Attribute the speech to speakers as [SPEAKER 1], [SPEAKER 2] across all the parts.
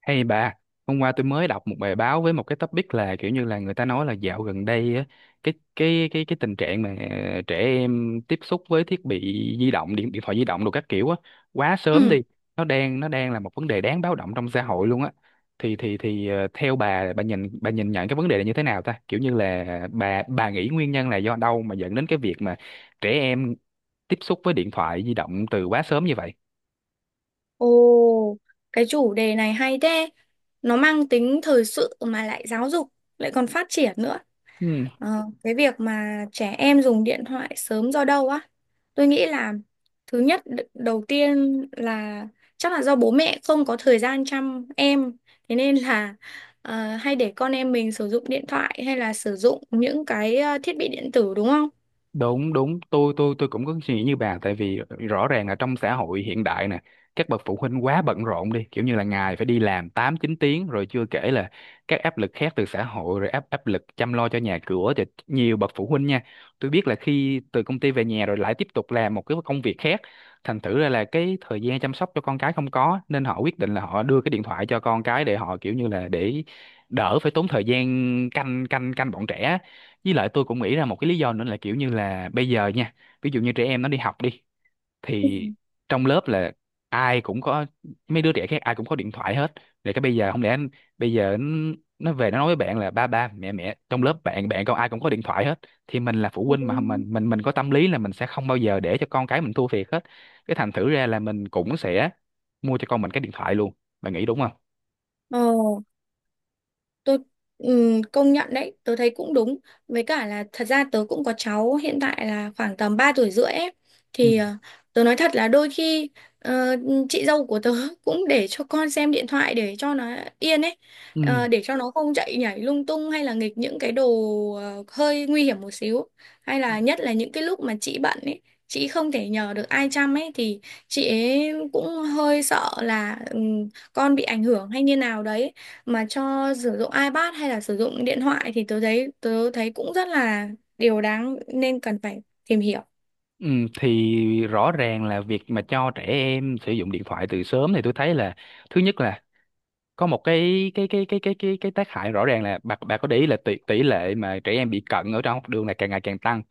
[SPEAKER 1] Hay bà, hôm qua tôi mới đọc một bài báo với một cái topic là kiểu như là người ta nói là dạo gần đây á, cái tình trạng mà trẻ em tiếp xúc với thiết bị di động, điện điện thoại di động đồ các kiểu á quá sớm
[SPEAKER 2] Ừ,
[SPEAKER 1] đi, nó đang là một vấn đề đáng báo động trong xã hội luôn á. Theo bà nhìn nhận cái vấn đề này như thế nào ta? Kiểu như là bà nghĩ nguyên nhân là do đâu mà dẫn đến cái việc mà trẻ em tiếp xúc với điện thoại di động từ quá sớm như vậy?
[SPEAKER 2] ồ, cái chủ đề này hay thế. Nó mang tính thời sự mà lại giáo dục, lại còn phát triển nữa. Ờ, cái việc mà trẻ em dùng điện thoại sớm do đâu á? Tôi nghĩ là thứ nhất đầu tiên là chắc là do bố mẹ không có thời gian chăm em, thế nên là hay để con em mình sử dụng điện thoại hay là sử dụng những cái thiết bị điện tử, đúng không?
[SPEAKER 1] Đúng đúng tôi cũng có suy nghĩ như bà, tại vì rõ ràng là trong xã hội hiện đại nè, các bậc phụ huynh quá bận rộn đi, kiểu như là ngày phải đi làm 8 9 tiếng, rồi chưa kể là các áp lực khác từ xã hội, rồi áp áp lực chăm lo cho nhà cửa cho nhiều bậc phụ huynh nha. Tôi biết là khi từ công ty về nhà rồi lại tiếp tục làm một cái công việc khác, thành thử ra là cái thời gian chăm sóc cho con cái không có, nên họ quyết định là họ đưa cái điện thoại cho con cái, để họ kiểu như là để đỡ phải tốn thời gian canh canh canh bọn trẻ. Với lại tôi cũng nghĩ ra một cái lý do nữa là kiểu như là bây giờ nha, ví dụ như trẻ em nó đi học đi,
[SPEAKER 2] Ừ.
[SPEAKER 1] thì trong lớp là ai cũng có, mấy đứa trẻ khác ai cũng có điện thoại hết. Rồi cái bây giờ không lẽ bây giờ nó về nó nói với bạn là ba ba mẹ mẹ trong lớp bạn bạn con ai cũng có điện thoại hết, thì mình là phụ
[SPEAKER 2] Ừ.
[SPEAKER 1] huynh mà mình, mình có tâm lý là mình sẽ không bao giờ để cho con cái mình thua thiệt hết. Cái thành thử ra là mình cũng sẽ mua cho con mình cái điện thoại luôn. Bạn nghĩ đúng không?
[SPEAKER 2] Ờ, tôi công nhận đấy, tớ thấy cũng đúng. Với cả là thật ra tớ cũng có cháu, hiện tại là khoảng tầm 3 tuổi rưỡi ấy,
[SPEAKER 1] Ừ.
[SPEAKER 2] thì tớ nói thật là đôi khi, ờ, chị dâu của tớ cũng để cho con xem điện thoại để cho nó yên ấy.
[SPEAKER 1] Ừ.
[SPEAKER 2] Ờ, để cho nó không chạy nhảy lung tung hay là nghịch những cái đồ hơi nguy hiểm một xíu, hay là nhất là những cái lúc mà chị bận ấy, chị không thể nhờ được ai chăm ấy, thì chị ấy cũng hơi sợ là con bị ảnh hưởng hay như nào đấy mà cho sử dụng iPad hay là sử dụng điện thoại, thì tớ thấy cũng rất là điều đáng nên cần phải tìm hiểu.
[SPEAKER 1] Ừ, thì rõ ràng là việc mà cho trẻ em sử dụng điện thoại từ sớm thì tôi thấy là, thứ nhất là có một cái tác hại rõ ràng là bà có để ý là tỷ tỷ lệ mà trẻ em bị cận ở trong học đường là càng ngày càng tăng,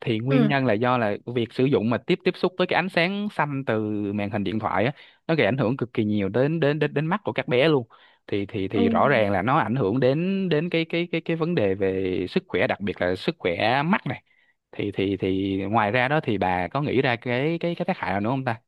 [SPEAKER 1] thì nguyên
[SPEAKER 2] Ừ.
[SPEAKER 1] nhân là do là việc sử dụng mà tiếp tiếp xúc với cái ánh sáng xanh từ màn hình điện thoại á, nó gây ảnh hưởng cực kỳ nhiều đến đến đến đến mắt của các bé luôn. thì thì
[SPEAKER 2] Ừ.
[SPEAKER 1] thì rõ ràng là nó ảnh hưởng đến đến cái vấn đề về sức khỏe, đặc biệt là sức khỏe mắt này. Thì ngoài ra đó thì bà có nghĩ ra cái tác hại nào nữa không ta?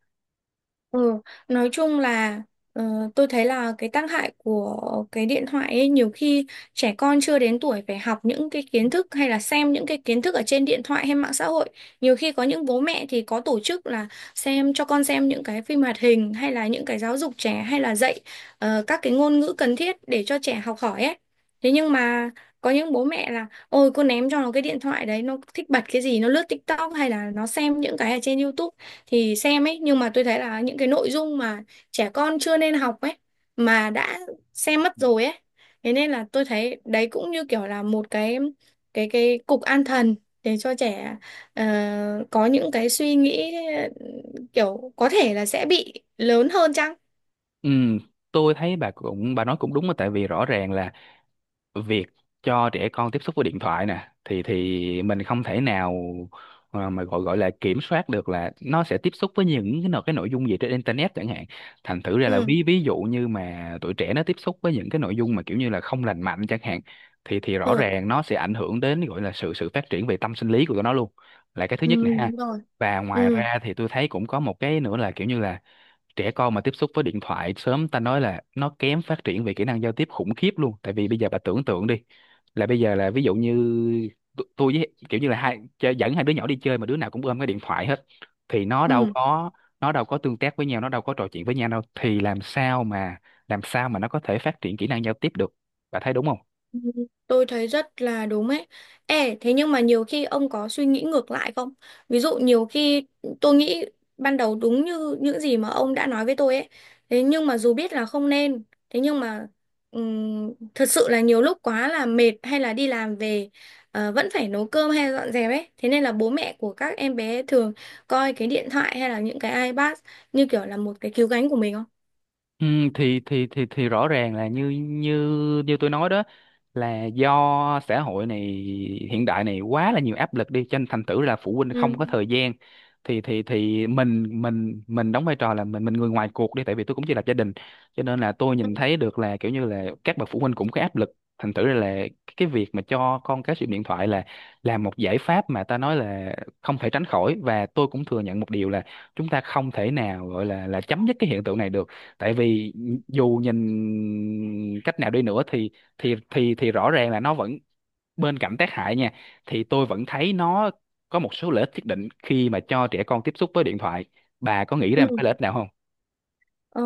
[SPEAKER 2] Ừ, nói chung là ờ, tôi thấy là cái tác hại của cái điện thoại ấy, nhiều khi trẻ con chưa đến tuổi phải học những cái kiến thức hay là xem những cái kiến thức ở trên điện thoại hay mạng xã hội. Nhiều khi có những bố mẹ thì có tổ chức là xem, cho con xem những cái phim hoạt hình hay là những cái giáo dục trẻ hay là dạy các cái ngôn ngữ cần thiết để cho trẻ học hỏi ấy. Thế nhưng mà có những bố mẹ là ôi cô ném cho nó cái điện thoại đấy, nó thích bật cái gì, nó lướt TikTok hay là nó xem những cái ở trên YouTube thì xem ấy. Nhưng mà tôi thấy là những cái nội dung mà trẻ con chưa nên học ấy mà đã xem mất rồi ấy. Thế nên là tôi thấy đấy cũng như kiểu là một cái cục an thần để cho trẻ ờ, có những cái suy nghĩ, kiểu có thể là sẽ bị lớn hơn chăng.
[SPEAKER 1] Ừ, tôi thấy bà cũng, bà nói cũng đúng á, tại vì rõ ràng là việc cho trẻ con tiếp xúc với điện thoại nè, thì mình không thể nào mà gọi gọi là kiểm soát được là nó sẽ tiếp xúc với những cái nội dung gì trên internet chẳng hạn. Thành thử ra là
[SPEAKER 2] Ừ.
[SPEAKER 1] ví ví dụ như mà tuổi trẻ nó tiếp xúc với những cái nội dung mà kiểu như là không lành mạnh chẳng hạn, thì rõ
[SPEAKER 2] Ừ.
[SPEAKER 1] ràng nó sẽ ảnh hưởng đến gọi là sự sự phát triển về tâm sinh lý của tụi nó luôn, là cái thứ
[SPEAKER 2] Ừ,
[SPEAKER 1] nhất nè ha.
[SPEAKER 2] đúng rồi.
[SPEAKER 1] Và ngoài
[SPEAKER 2] Ừ.
[SPEAKER 1] ra thì tôi thấy cũng có một cái nữa là kiểu như là, trẻ con mà tiếp xúc với điện thoại sớm, ta nói là nó kém phát triển về kỹ năng giao tiếp khủng khiếp luôn, tại vì bây giờ bà tưởng tượng đi, là bây giờ là ví dụ như tôi với kiểu như là hai chơi, dẫn hai đứa nhỏ đi chơi mà đứa nào cũng ôm cái điện thoại hết, thì
[SPEAKER 2] Ừ.
[SPEAKER 1] nó đâu có tương tác với nhau, nó đâu có trò chuyện với nhau đâu, thì làm sao mà nó có thể phát triển kỹ năng giao tiếp được. Bà thấy đúng không?
[SPEAKER 2] Ừ, tôi thấy rất là đúng ấy. Ê, thế nhưng mà nhiều khi ông có suy nghĩ ngược lại không? Ví dụ nhiều khi tôi nghĩ ban đầu đúng như những gì mà ông đã nói với tôi ấy. Thế nhưng mà dù biết là không nên, thế nhưng mà thật sự là nhiều lúc quá là mệt hay là đi làm về vẫn phải nấu cơm hay dọn dẹp ấy. Thế nên là bố mẹ của các em bé thường coi cái điện thoại hay là những cái iPad như kiểu là một cái cứu cánh của mình, không?
[SPEAKER 1] Ừ, thì rõ ràng là như như như tôi nói đó, là do xã hội này, hiện đại này quá là nhiều áp lực đi, cho nên thành thử là phụ huynh không
[SPEAKER 2] Ừ.
[SPEAKER 1] có thời gian. Thì mình đóng vai trò là mình, người ngoài cuộc đi, tại vì tôi cũng chỉ là gia đình, cho nên là tôi
[SPEAKER 2] Ừ.
[SPEAKER 1] nhìn thấy được là kiểu như là các bậc phụ huynh cũng có áp lực. Thành thử là cái việc mà cho con cái sử dụng điện thoại là một giải pháp mà ta nói là không thể tránh khỏi, và tôi cũng thừa nhận một điều là, chúng ta không thể nào gọi là chấm dứt cái hiện tượng này được, tại vì dù nhìn cách nào đi nữa thì, thì rõ ràng là nó vẫn, bên cạnh tác hại nha, thì tôi vẫn thấy nó có một số lợi ích nhất định khi mà cho trẻ con tiếp xúc với điện thoại. Bà có nghĩ ra một
[SPEAKER 2] Ừ.
[SPEAKER 1] cái lợi ích nào không?
[SPEAKER 2] Ờ,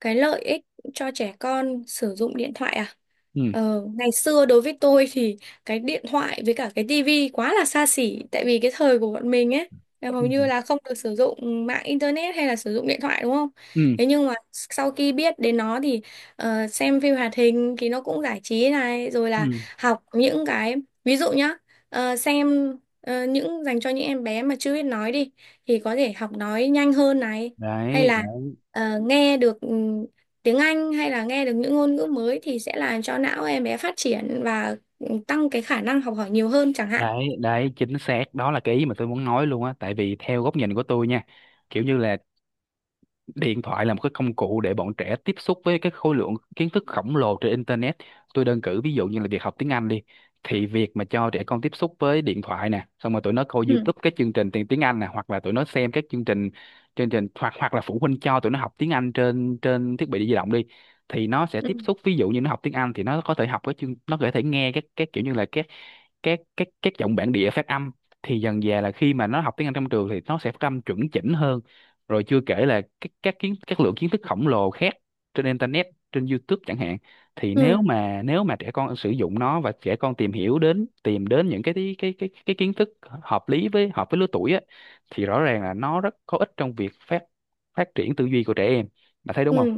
[SPEAKER 2] cái lợi ích cho trẻ con sử dụng điện thoại à?
[SPEAKER 1] Ừ.
[SPEAKER 2] Ngày xưa đối với tôi thì cái điện thoại với cả cái tivi quá là xa xỉ, tại vì cái thời của bọn mình ấy là hầu
[SPEAKER 1] Ừ.
[SPEAKER 2] như là không được sử dụng mạng internet hay là sử dụng điện thoại, đúng không?
[SPEAKER 1] Ừ.
[SPEAKER 2] Thế nhưng mà sau khi biết đến nó thì xem phim hoạt hình thì nó cũng giải trí này, rồi là
[SPEAKER 1] Ừ.
[SPEAKER 2] học những cái, ví dụ nhá, xem những dành cho những em bé mà chưa biết nói đi thì có thể học nói nhanh hơn này, hay
[SPEAKER 1] đấy
[SPEAKER 2] là
[SPEAKER 1] đấy
[SPEAKER 2] nghe được tiếng Anh hay là nghe được những ngôn ngữ mới thì sẽ làm cho não em bé phát triển, và tăng cái khả năng học hỏi nhiều hơn chẳng hạn.
[SPEAKER 1] đấy đấy, chính xác, đó là cái ý mà tôi muốn nói luôn á, tại vì theo góc nhìn của tôi nha, kiểu như là điện thoại là một cái công cụ để bọn trẻ tiếp xúc với cái khối lượng kiến thức khổng lồ trên internet. Tôi đơn cử ví dụ như là việc học tiếng Anh đi, thì việc mà cho trẻ con tiếp xúc với điện thoại nè, xong rồi tụi nó coi
[SPEAKER 2] Ừ.
[SPEAKER 1] YouTube các chương trình tiếng tiếng Anh nè, hoặc là tụi nó xem các chương trình hoặc hoặc là phụ huynh cho tụi nó học tiếng Anh trên trên thiết bị di động đi, thì nó sẽ
[SPEAKER 2] Ừ.
[SPEAKER 1] tiếp xúc, ví dụ như nó học tiếng Anh thì nó có thể học cái chương, nó có thể nghe các, kiểu như là các giọng bản địa phát âm, thì dần dà là khi mà nó học tiếng Anh trong trường thì nó sẽ phát âm chuẩn chỉnh hơn. Rồi chưa kể là các lượng kiến thức khổng lồ khác trên internet, trên YouTube chẳng hạn, thì
[SPEAKER 2] Ừ.
[SPEAKER 1] nếu mà trẻ con sử dụng nó, và trẻ con tìm hiểu đến, tìm đến những cái kiến thức hợp lý với, hợp với lứa tuổi á, thì rõ ràng là nó rất có ích trong việc phát phát triển tư duy của trẻ em. Bạn thấy đúng không?
[SPEAKER 2] Ừ.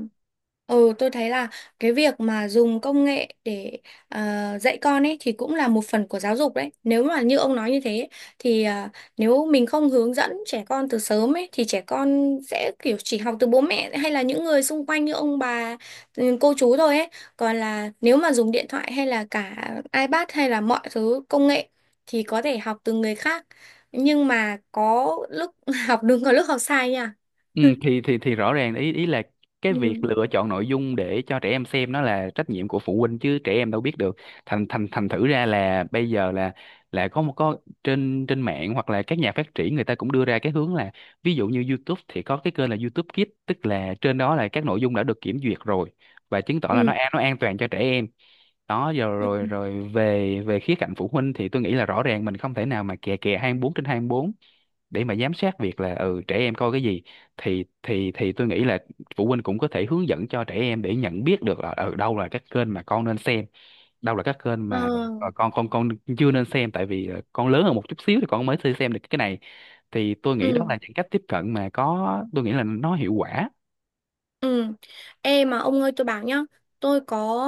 [SPEAKER 2] Ừ, tôi thấy là cái việc mà dùng công nghệ để ờ, dạy con ấy thì cũng là một phần của giáo dục đấy. Nếu mà như ông nói như thế ấy, thì à, nếu mình không hướng dẫn trẻ con từ sớm ấy thì trẻ con sẽ kiểu chỉ học từ bố mẹ hay là những người xung quanh như ông bà, ừ, cô chú thôi ấy. Còn là nếu mà dùng điện thoại hay là cả iPad hay là mọi thứ công nghệ thì có thể học từ người khác. Nhưng mà có lúc học đúng có lúc học sai nha.
[SPEAKER 1] Ừ, thì rõ ràng ý ý là, cái việc
[SPEAKER 2] Ừ.
[SPEAKER 1] lựa chọn nội dung để cho trẻ em xem nó là trách nhiệm của phụ huynh, chứ trẻ em đâu biết được. Thành thành thành Thử ra là bây giờ là có một có trên trên mạng hoặc là các nhà phát triển người ta cũng đưa ra cái hướng là, ví dụ như YouTube thì có cái kênh là YouTube Kids, tức là trên đó là các nội dung đã được kiểm duyệt rồi, và chứng tỏ là
[SPEAKER 2] Ừ.
[SPEAKER 1] nó an toàn cho trẻ em. Đó, rồi
[SPEAKER 2] Ừ.
[SPEAKER 1] rồi rồi về về khía cạnh phụ huynh thì tôi nghĩ là rõ ràng mình không thể nào mà kè kè 24 trên 24 để mà giám sát việc là ừ trẻ em coi cái gì. Thì tôi nghĩ là phụ huynh cũng có thể hướng dẫn cho trẻ em để nhận biết được là ở đâu là các kênh mà con nên xem, đâu là các kênh
[SPEAKER 2] Ờ.
[SPEAKER 1] mà con chưa nên xem, tại vì con lớn hơn một chút xíu thì con mới thể xem được cái này. Thì tôi nghĩ đó
[SPEAKER 2] Ừ,
[SPEAKER 1] là những cách tiếp cận mà có, tôi nghĩ là nó hiệu quả.
[SPEAKER 2] ừ. Ê mà ông ơi tôi bảo nhá, tôi có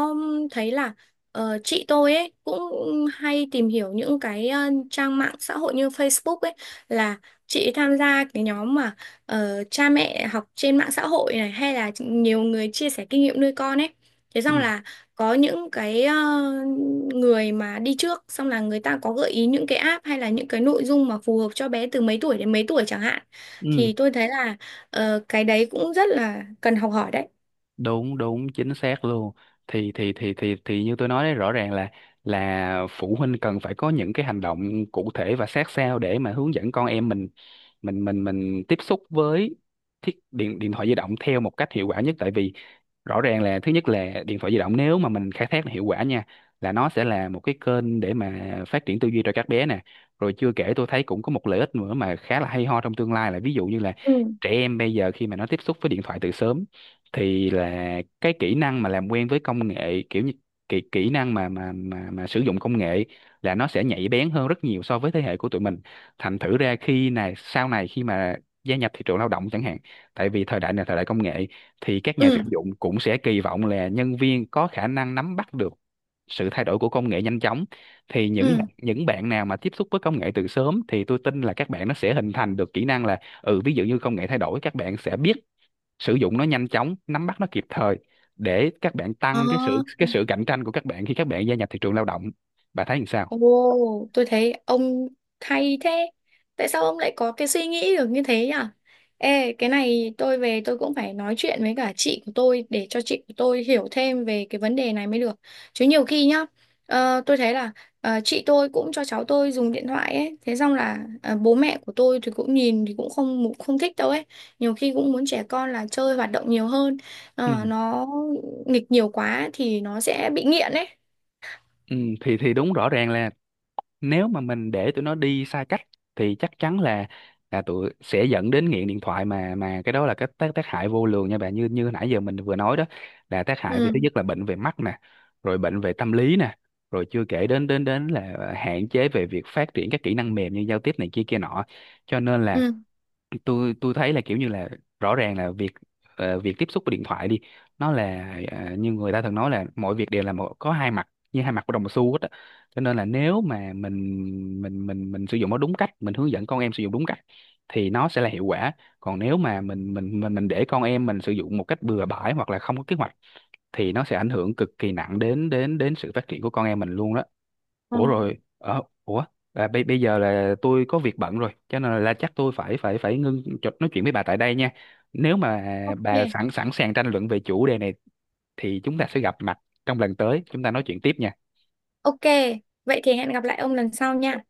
[SPEAKER 2] thấy là chị tôi ấy cũng hay tìm hiểu những cái trang mạng xã hội như Facebook ấy, là chị ấy tham gia cái nhóm mà cha mẹ học trên mạng xã hội này, hay là nhiều người chia sẻ kinh nghiệm nuôi con ấy. Thế
[SPEAKER 1] Ừ,
[SPEAKER 2] xong là có những cái người mà đi trước xong là người ta có gợi ý những cái app hay là những cái nội dung mà phù hợp cho bé từ mấy tuổi đến mấy tuổi chẳng hạn.
[SPEAKER 1] ừ,
[SPEAKER 2] Thì tôi thấy là, ờ, cái đấy cũng rất là cần học hỏi đấy.
[SPEAKER 1] đúng, đúng, chính xác luôn. Thì như tôi nói đấy, rõ ràng là phụ huynh cần phải có những cái hành động cụ thể và sát sao để mà hướng dẫn con em mình, tiếp xúc với thiết điện điện thoại di động theo một cách hiệu quả nhất, tại vì rõ ràng là, thứ nhất là điện thoại di động nếu mà mình khai thác hiệu quả nha, là nó sẽ là một cái kênh để mà phát triển tư duy cho các bé nè. Rồi chưa kể tôi thấy cũng có một lợi ích nữa mà khá là hay ho trong tương lai, là ví dụ như là
[SPEAKER 2] Ừ.
[SPEAKER 1] trẻ em bây giờ khi mà nó tiếp xúc với điện thoại từ sớm, thì là cái kỹ năng mà làm quen với công nghệ, kiểu như kỹ kỹ năng mà sử dụng công nghệ là nó sẽ nhạy bén hơn rất nhiều so với thế hệ của tụi mình. Thành thử ra khi này sau này khi mà gia nhập thị trường lao động chẳng hạn, tại vì thời đại này là thời đại công nghệ, thì các nhà tuyển
[SPEAKER 2] Ừ,
[SPEAKER 1] dụng cũng sẽ kỳ vọng là nhân viên có khả năng nắm bắt được sự thay đổi của công nghệ nhanh chóng, thì
[SPEAKER 2] ừ.
[SPEAKER 1] những bạn nào mà tiếp xúc với công nghệ từ sớm thì tôi tin là các bạn nó sẽ hình thành được kỹ năng là, ừ ví dụ như công nghệ thay đổi các bạn sẽ biết sử dụng nó nhanh chóng, nắm bắt nó kịp thời, để các bạn
[SPEAKER 2] Ờ.
[SPEAKER 1] tăng cái sự, cạnh tranh của các bạn khi các bạn gia nhập thị trường lao động. Bà thấy làm sao?
[SPEAKER 2] Ồ, tôi thấy ông hay thế. Tại sao ông lại có cái suy nghĩ được như thế nhỉ? Ê, cái này tôi về tôi cũng phải nói chuyện với cả chị của tôi để cho chị của tôi hiểu thêm về cái vấn đề này mới được. Chứ nhiều khi nhá, tôi thấy là chị tôi cũng cho cháu tôi dùng điện thoại ấy, thế xong là bố mẹ của tôi thì cũng nhìn thì cũng không không thích đâu ấy. Nhiều khi cũng muốn trẻ con là chơi hoạt động nhiều hơn,
[SPEAKER 1] Ừ,
[SPEAKER 2] ờ, nó nghịch nhiều quá thì nó sẽ bị nghiện ấy.
[SPEAKER 1] ừ, thì đúng, rõ ràng là nếu mà mình để tụi nó đi xa cách thì chắc chắn là tụi sẽ dẫn đến nghiện điện thoại, mà cái đó là cái tác tác hại vô lường nha bạn, như như nãy giờ mình vừa nói đó. Là tác hại về,
[SPEAKER 2] Ừ.
[SPEAKER 1] thứ nhất là bệnh về mắt nè, rồi bệnh về tâm lý nè, rồi chưa kể đến đến đến là hạn chế về việc phát triển các kỹ năng mềm như giao tiếp này kia kia nọ. Cho nên là tôi thấy là kiểu như là, rõ ràng là việc việc tiếp xúc với điện thoại đi, nó là, như người ta thường nói là mọi việc đều là một, có hai mặt, như hai mặt của đồng xu hết á. Cho nên là nếu mà mình sử dụng nó đúng cách, mình hướng dẫn con em sử dụng đúng cách thì nó sẽ là hiệu quả. Còn nếu mà mình để con em mình sử dụng một cách bừa bãi hoặc là không có kế hoạch thì nó sẽ ảnh hưởng cực kỳ nặng đến đến đến sự phát triển của con em mình luôn đó.
[SPEAKER 2] Ừ.
[SPEAKER 1] Ủa rồi ờ, ủa à, Bây bây giờ là tôi có việc bận rồi, cho nên là chắc tôi phải phải phải ngưng nói chuyện với bà tại đây nha. Nếu mà
[SPEAKER 2] Ok,
[SPEAKER 1] bà sẵn sẵn sàng tranh luận về chủ đề này thì chúng ta sẽ gặp mặt trong lần tới, chúng ta nói chuyện tiếp nha.
[SPEAKER 2] ok. Vậy thì hẹn gặp lại ông lần sau nha.